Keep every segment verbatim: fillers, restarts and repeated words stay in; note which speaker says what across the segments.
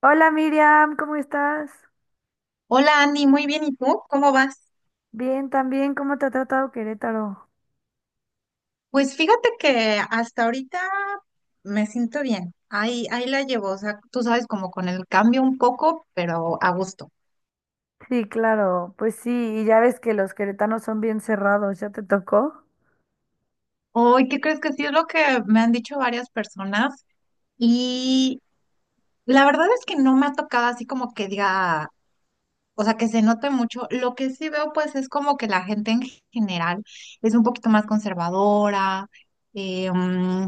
Speaker 1: Hola Miriam, ¿cómo estás?
Speaker 2: Hola Andy, muy bien. ¿Y tú? ¿Cómo vas?
Speaker 1: Bien, también, ¿cómo te ha tratado Querétaro?
Speaker 2: Pues fíjate que hasta ahorita me siento bien. Ahí, ahí la llevo. O sea, tú sabes, como con el cambio un poco, pero a gusto.
Speaker 1: Sí, claro, pues sí, y ya ves que los queretanos son bien cerrados, ¿ya te tocó?
Speaker 2: Hoy, ¿qué crees? Que sí, es lo que me han dicho varias personas. Y la verdad es que no me ha tocado así como que diga, o sea, que se note mucho. Lo que sí veo, pues, es como que la gente en general es un poquito más conservadora, eh, mm,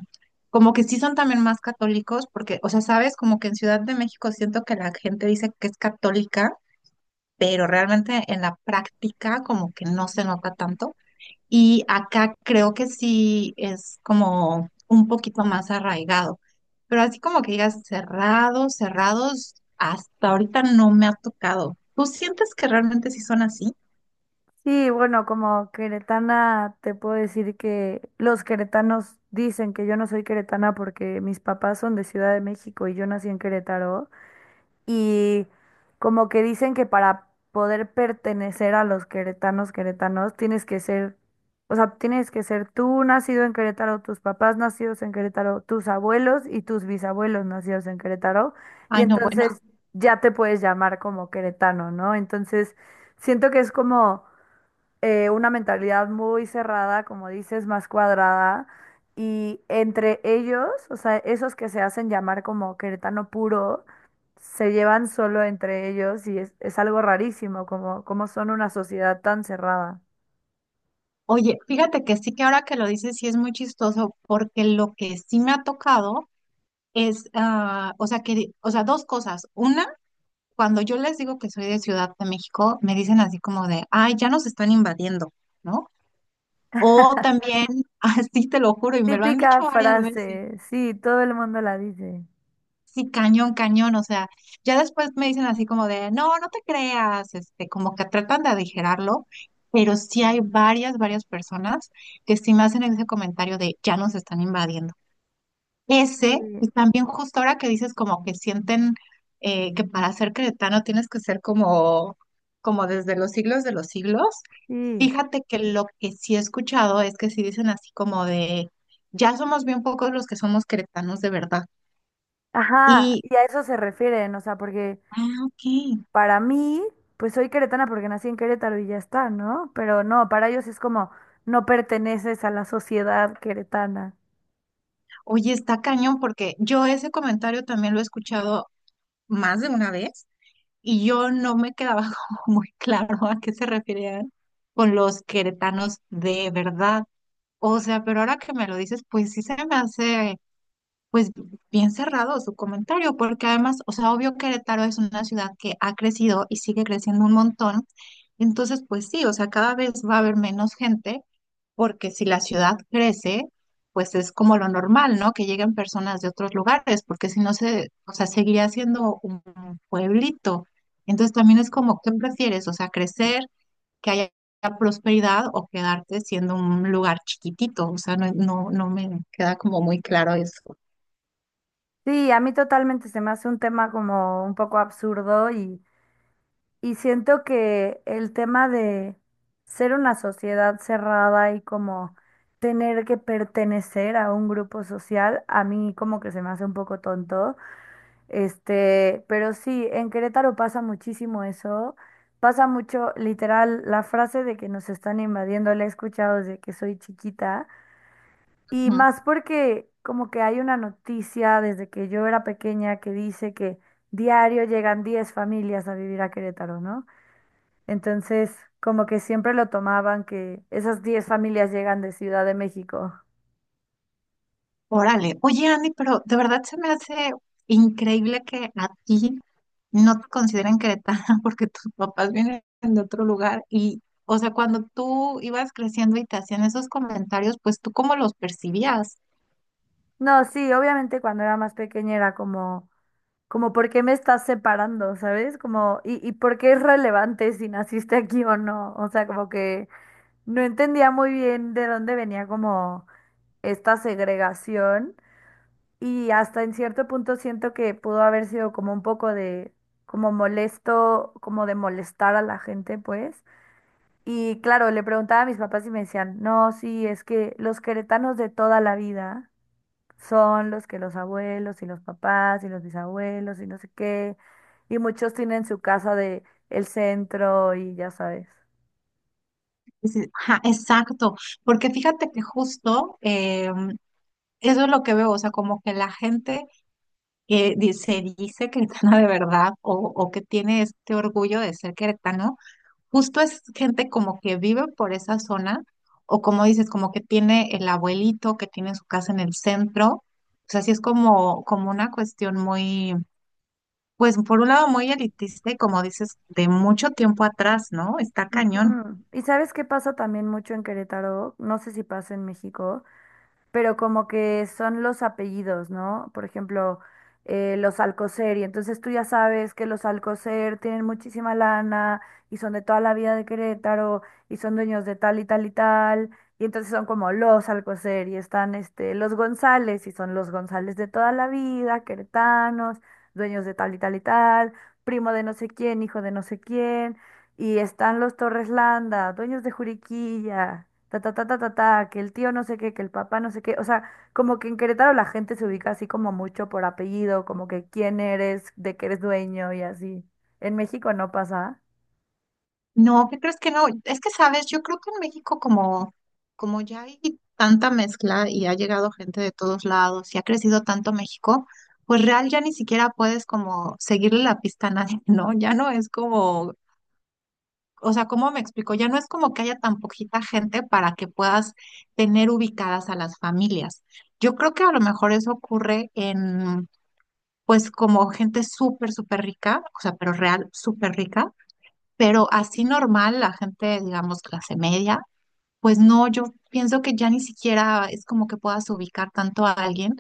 Speaker 2: como que sí son también más católicos, porque, o sea, sabes, como que en Ciudad de México siento que la gente dice que es católica, pero realmente en la práctica como que no se nota tanto. Y acá creo que sí es como un poquito más arraigado, pero así como que digas cerrados, cerrados, hasta ahorita no me ha tocado. ¿Tú sientes que realmente sí son así?
Speaker 1: Sí, bueno, como queretana te puedo decir que los queretanos dicen que yo no soy queretana porque mis papás son de Ciudad de México y yo nací en Querétaro, y como que dicen que para poder pertenecer a los queretanos, queretanos, tienes que ser, o sea, tienes que ser tú nacido en Querétaro, tus papás nacidos en Querétaro, tus abuelos y tus bisabuelos nacidos en Querétaro, y
Speaker 2: Ay, no, bueno,
Speaker 1: entonces ya te puedes llamar como queretano, ¿no? Entonces, siento que es como eh, una mentalidad muy cerrada, como dices, más cuadrada. Y entre ellos, o sea, esos que se hacen llamar como queretano puro, se llevan solo entre ellos y es, es algo rarísimo, como, como son una sociedad tan cerrada.
Speaker 2: oye, fíjate que sí, que ahora que lo dices sí es muy chistoso, porque lo que sí me ha tocado es, ah, o sea, que, di- o sea, dos cosas. Una, cuando yo les digo que soy de Ciudad de México, me dicen así como de, ay, ya nos están invadiendo, ¿no? O también, así te lo juro, y me lo han dicho
Speaker 1: Típica
Speaker 2: varias veces.
Speaker 1: frase, sí, todo el mundo la dice.
Speaker 2: Sí, cañón, cañón, o sea, ya después me dicen así como de, no, no te creas, este, como que tratan de aligerarlo, pero sí hay varias, varias personas que sí me hacen ese comentario de, ya nos están invadiendo. Ese,
Speaker 1: Sí,
Speaker 2: y también justo ahora que dices como que sienten eh, que para ser cretano tienes que ser como, como desde los siglos de los siglos.
Speaker 1: sí.
Speaker 2: Fíjate que lo que sí he escuchado es que sí dicen así como de, ya somos bien pocos los que somos queretanos de verdad.
Speaker 1: Ajá,
Speaker 2: Y,
Speaker 1: y a eso se refieren, o sea, porque
Speaker 2: ah, ok.
Speaker 1: para mí, pues soy queretana porque nací en Querétaro y ya está, ¿no? Pero no, para ellos es como no perteneces a la sociedad queretana.
Speaker 2: Oye, está cañón porque yo ese comentario también lo he escuchado más de una vez y yo no me quedaba como muy claro a qué se referían con los queretanos de verdad. O sea, pero ahora que me lo dices, pues sí se me hace pues bien cerrado su comentario, porque además, o sea, obvio Querétaro es una ciudad que ha crecido y sigue creciendo un montón, entonces pues sí, o sea, cada vez va a haber menos gente, porque si la ciudad crece, pues es como lo normal, ¿no? Que lleguen personas de otros lugares, porque si no se, o sea, seguiría siendo un pueblito. Entonces también es como, ¿qué
Speaker 1: Mm.
Speaker 2: prefieres? O sea, crecer, que haya prosperidad o quedarte siendo un lugar chiquitito. O sea, no, no, no me queda como muy claro eso.
Speaker 1: Sí, a mí totalmente se me hace un tema como un poco absurdo y, y siento que el tema de ser una sociedad cerrada y como tener que pertenecer a un grupo social, a mí como que se me hace un poco tonto. Este, pero sí, en Querétaro pasa muchísimo eso. Pasa mucho, literal, la frase de que nos están invadiendo, la he escuchado desde que soy chiquita. Y más porque como que hay una noticia desde que yo era pequeña que dice que diario llegan diez familias a vivir a Querétaro, ¿no? Entonces, como que siempre lo tomaban que esas diez familias llegan de Ciudad de México.
Speaker 2: Órale, oye Andy, pero de verdad se me hace increíble que a ti no te consideren queretana porque tus papás vienen de otro lugar y, o sea, cuando tú ibas creciendo y te hacían esos comentarios, pues tú cómo los percibías.
Speaker 1: No, sí, obviamente cuando era más pequeña era como... Como por qué me estás separando, ¿sabes? Como, y, y por qué es relevante si naciste aquí o no. O sea, como que no entendía muy bien de dónde venía como esta segregación. Y hasta en cierto punto siento que pudo haber sido como un poco de, como molesto, como de molestar a la gente, pues. Y claro, le preguntaba a mis papás y me decían, no, sí, es que los queretanos de toda la vida son los que los abuelos y los papás y los bisabuelos y no sé qué. Y muchos tienen su casa de el centro y ya sabes.
Speaker 2: Dices, ajá, exacto, porque fíjate que justo eh, eso es lo que veo, o sea, como que la gente eh, di- se dice queretana de verdad o, o que tiene este orgullo de ser queretano. Justo es gente como que vive por esa zona, o como dices, como que tiene el abuelito que tiene su casa en el centro. O sea, sí es como, como una cuestión muy, pues por un lado muy elitista y como dices, de mucho tiempo atrás, ¿no? Está cañón.
Speaker 1: Ujú. ¿Y sabes qué pasa también mucho en Querétaro? No sé si pasa en México, pero como que son los apellidos, ¿no? Por ejemplo, eh, los Alcocer, y entonces tú ya sabes que los Alcocer tienen muchísima lana y son de toda la vida de Querétaro y son dueños de tal y tal y tal, y entonces son como los Alcocer y están este, los González y son los González de toda la vida, queretanos, dueños de tal y tal y tal, primo de no sé quién, hijo de no sé quién. Y están los Torres Landa, dueños de Juriquilla ta, ta, ta, ta, ta, ta, que el tío no sé qué, que el papá no sé qué. O sea, como que en Querétaro la gente se ubica así como mucho por apellido, como que quién eres, de qué eres dueño y así. En México no pasa.
Speaker 2: No, ¿qué crees? Que no. Es que, sabes, yo creo que en México como, como ya hay tanta mezcla y ha llegado gente de todos lados y ha crecido tanto México, pues real ya ni siquiera puedes como seguirle la pista a nadie, ¿no? Ya no es como o sea, ¿cómo me explico? Ya no es como que haya tan poquita gente para que puedas tener ubicadas a las familias. Yo creo que a lo mejor eso ocurre en, pues, como gente súper, súper rica, o sea, pero real, súper rica, pero así normal, la gente, digamos, clase media, pues no, yo pienso que ya ni siquiera es como que puedas ubicar tanto a alguien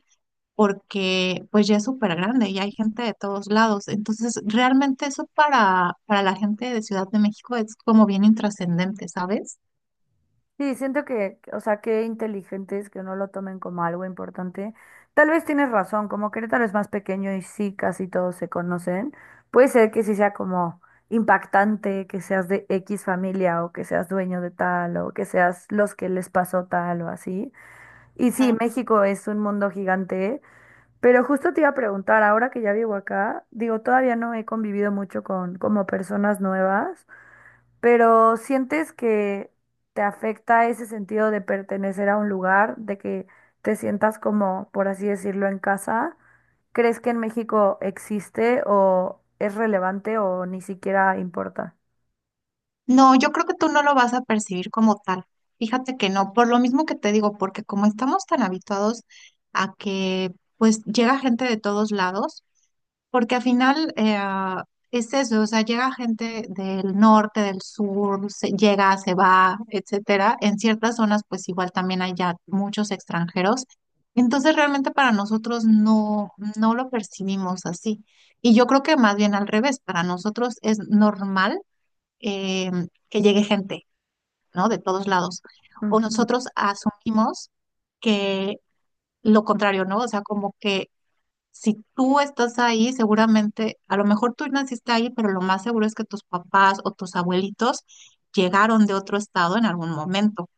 Speaker 2: porque pues ya es súper grande y hay gente de todos lados. Entonces, realmente eso para, para la gente de Ciudad de México es como bien intrascendente, ¿sabes?
Speaker 1: Sí, siento que, o sea, qué inteligentes que no lo tomen como algo importante. Tal vez tienes razón, como Querétaro es más pequeño y sí, casi todos se conocen, puede ser que sí sea como impactante que seas de X familia o que seas dueño de tal o que seas los que les pasó tal o así. Y sí,
Speaker 2: Ujú.
Speaker 1: México es un mundo gigante, ¿eh? Pero justo te iba a preguntar, ahora que ya vivo acá, digo, todavía no he convivido mucho con como personas nuevas, pero ¿sientes que te afecta ese sentido de pertenecer a un lugar, de que te sientas como, por así decirlo, en casa? ¿Crees que en México existe o es relevante o ni siquiera importa?
Speaker 2: No, yo creo que tú no lo vas a percibir como tal. Fíjate que no, por lo mismo que te digo, porque como estamos tan habituados a que pues llega gente de todos lados. Porque al final eh, es eso, o sea, llega gente del norte, del sur, se- llega, se va, etcétera. En ciertas zonas, pues igual también hay ya muchos extranjeros. Entonces, realmente para nosotros no, no lo percibimos así. Y yo creo que más bien al revés, para nosotros es normal eh, que llegue gente, ¿no? De todos lados. O nosotros asumimos que lo contrario, ¿no? O sea, como que si tú estás ahí, seguramente, a lo mejor tú naciste ahí, pero lo más seguro es que tus papás o tus abuelitos llegaron de otro estado en algún momento.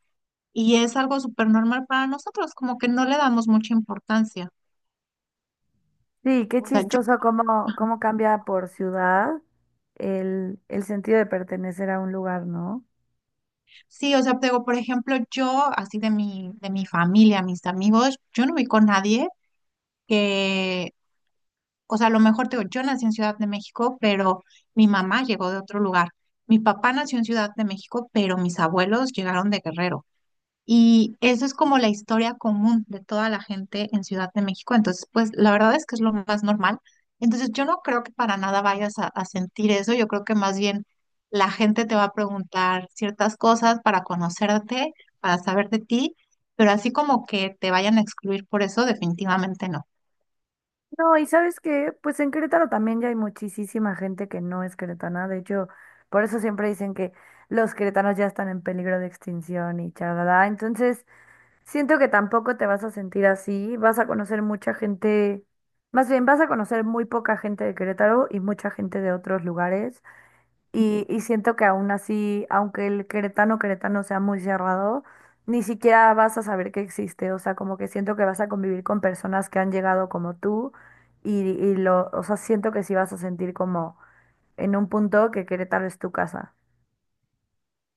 Speaker 2: Y es algo súper normal para nosotros, como que no le damos mucha importancia.
Speaker 1: Sí, qué
Speaker 2: O sea, yo,
Speaker 1: chistoso cómo, cómo cambia por ciudad el, el sentido de pertenecer a un lugar, ¿no?
Speaker 2: sí, o sea, te digo, por ejemplo, yo, así de mi, de mi familia, mis amigos, yo no vi con nadie que, o sea, a lo mejor te digo, yo nací en Ciudad de México, pero mi mamá llegó de otro lugar. Mi papá nació en Ciudad de México, pero mis abuelos llegaron de Guerrero. Y eso es como la historia común de toda la gente en Ciudad de México. Entonces, pues la verdad es que es lo más normal. Entonces, yo no creo que para nada vayas a, a sentir eso. Yo creo que más bien la gente te va a preguntar ciertas cosas para conocerte, para saber de ti, pero así como que te vayan a excluir por eso, definitivamente no.
Speaker 1: No, y sabes qué, pues en Querétaro también ya hay muchísima gente que no es queretana, de hecho, por eso siempre dicen que los queretanos ya están en peligro de extinción y chalada, entonces siento que tampoco te vas a sentir así, vas a conocer mucha gente, más bien vas a conocer muy poca gente de Querétaro y mucha gente de otros lugares. Y, y siento que aún así, aunque el queretano queretano sea muy cerrado, ni siquiera vas a saber que existe. O sea, como que siento que vas a convivir con personas que han llegado como tú y, y lo, o sea, siento que sí vas a sentir como en un punto que Querétaro es tu casa.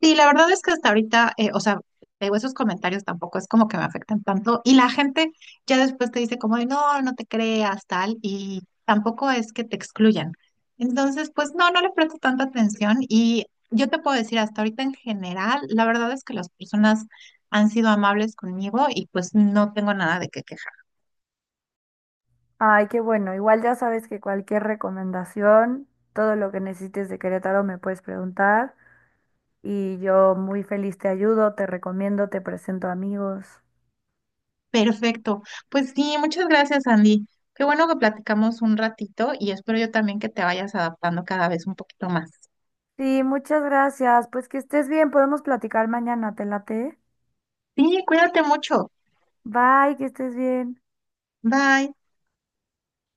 Speaker 2: Sí, la verdad es que hasta ahorita, eh, o sea, digo, esos comentarios tampoco es como que me afectan tanto. Y la gente ya después te dice como de, no, no te creas, tal, y tampoco es que te excluyan. Entonces, pues no, no le presto tanta atención. Y yo te puedo decir, hasta ahorita en general, la verdad es que las personas han sido amables conmigo y pues no tengo nada de qué quejar.
Speaker 1: Ay, qué bueno. Igual ya sabes que cualquier recomendación, todo lo que necesites de Querétaro me puedes preguntar y yo muy feliz te ayudo, te recomiendo, te presento amigos.
Speaker 2: Perfecto. Pues sí, muchas gracias, Andy. Qué bueno que platicamos un ratito y espero yo también que te vayas adaptando cada vez un poquito más.
Speaker 1: Sí, muchas gracias. Pues que estés bien, podemos platicar mañana, ¿te late?
Speaker 2: Sí, cuídate mucho.
Speaker 1: Bye, que estés bien.
Speaker 2: Bye.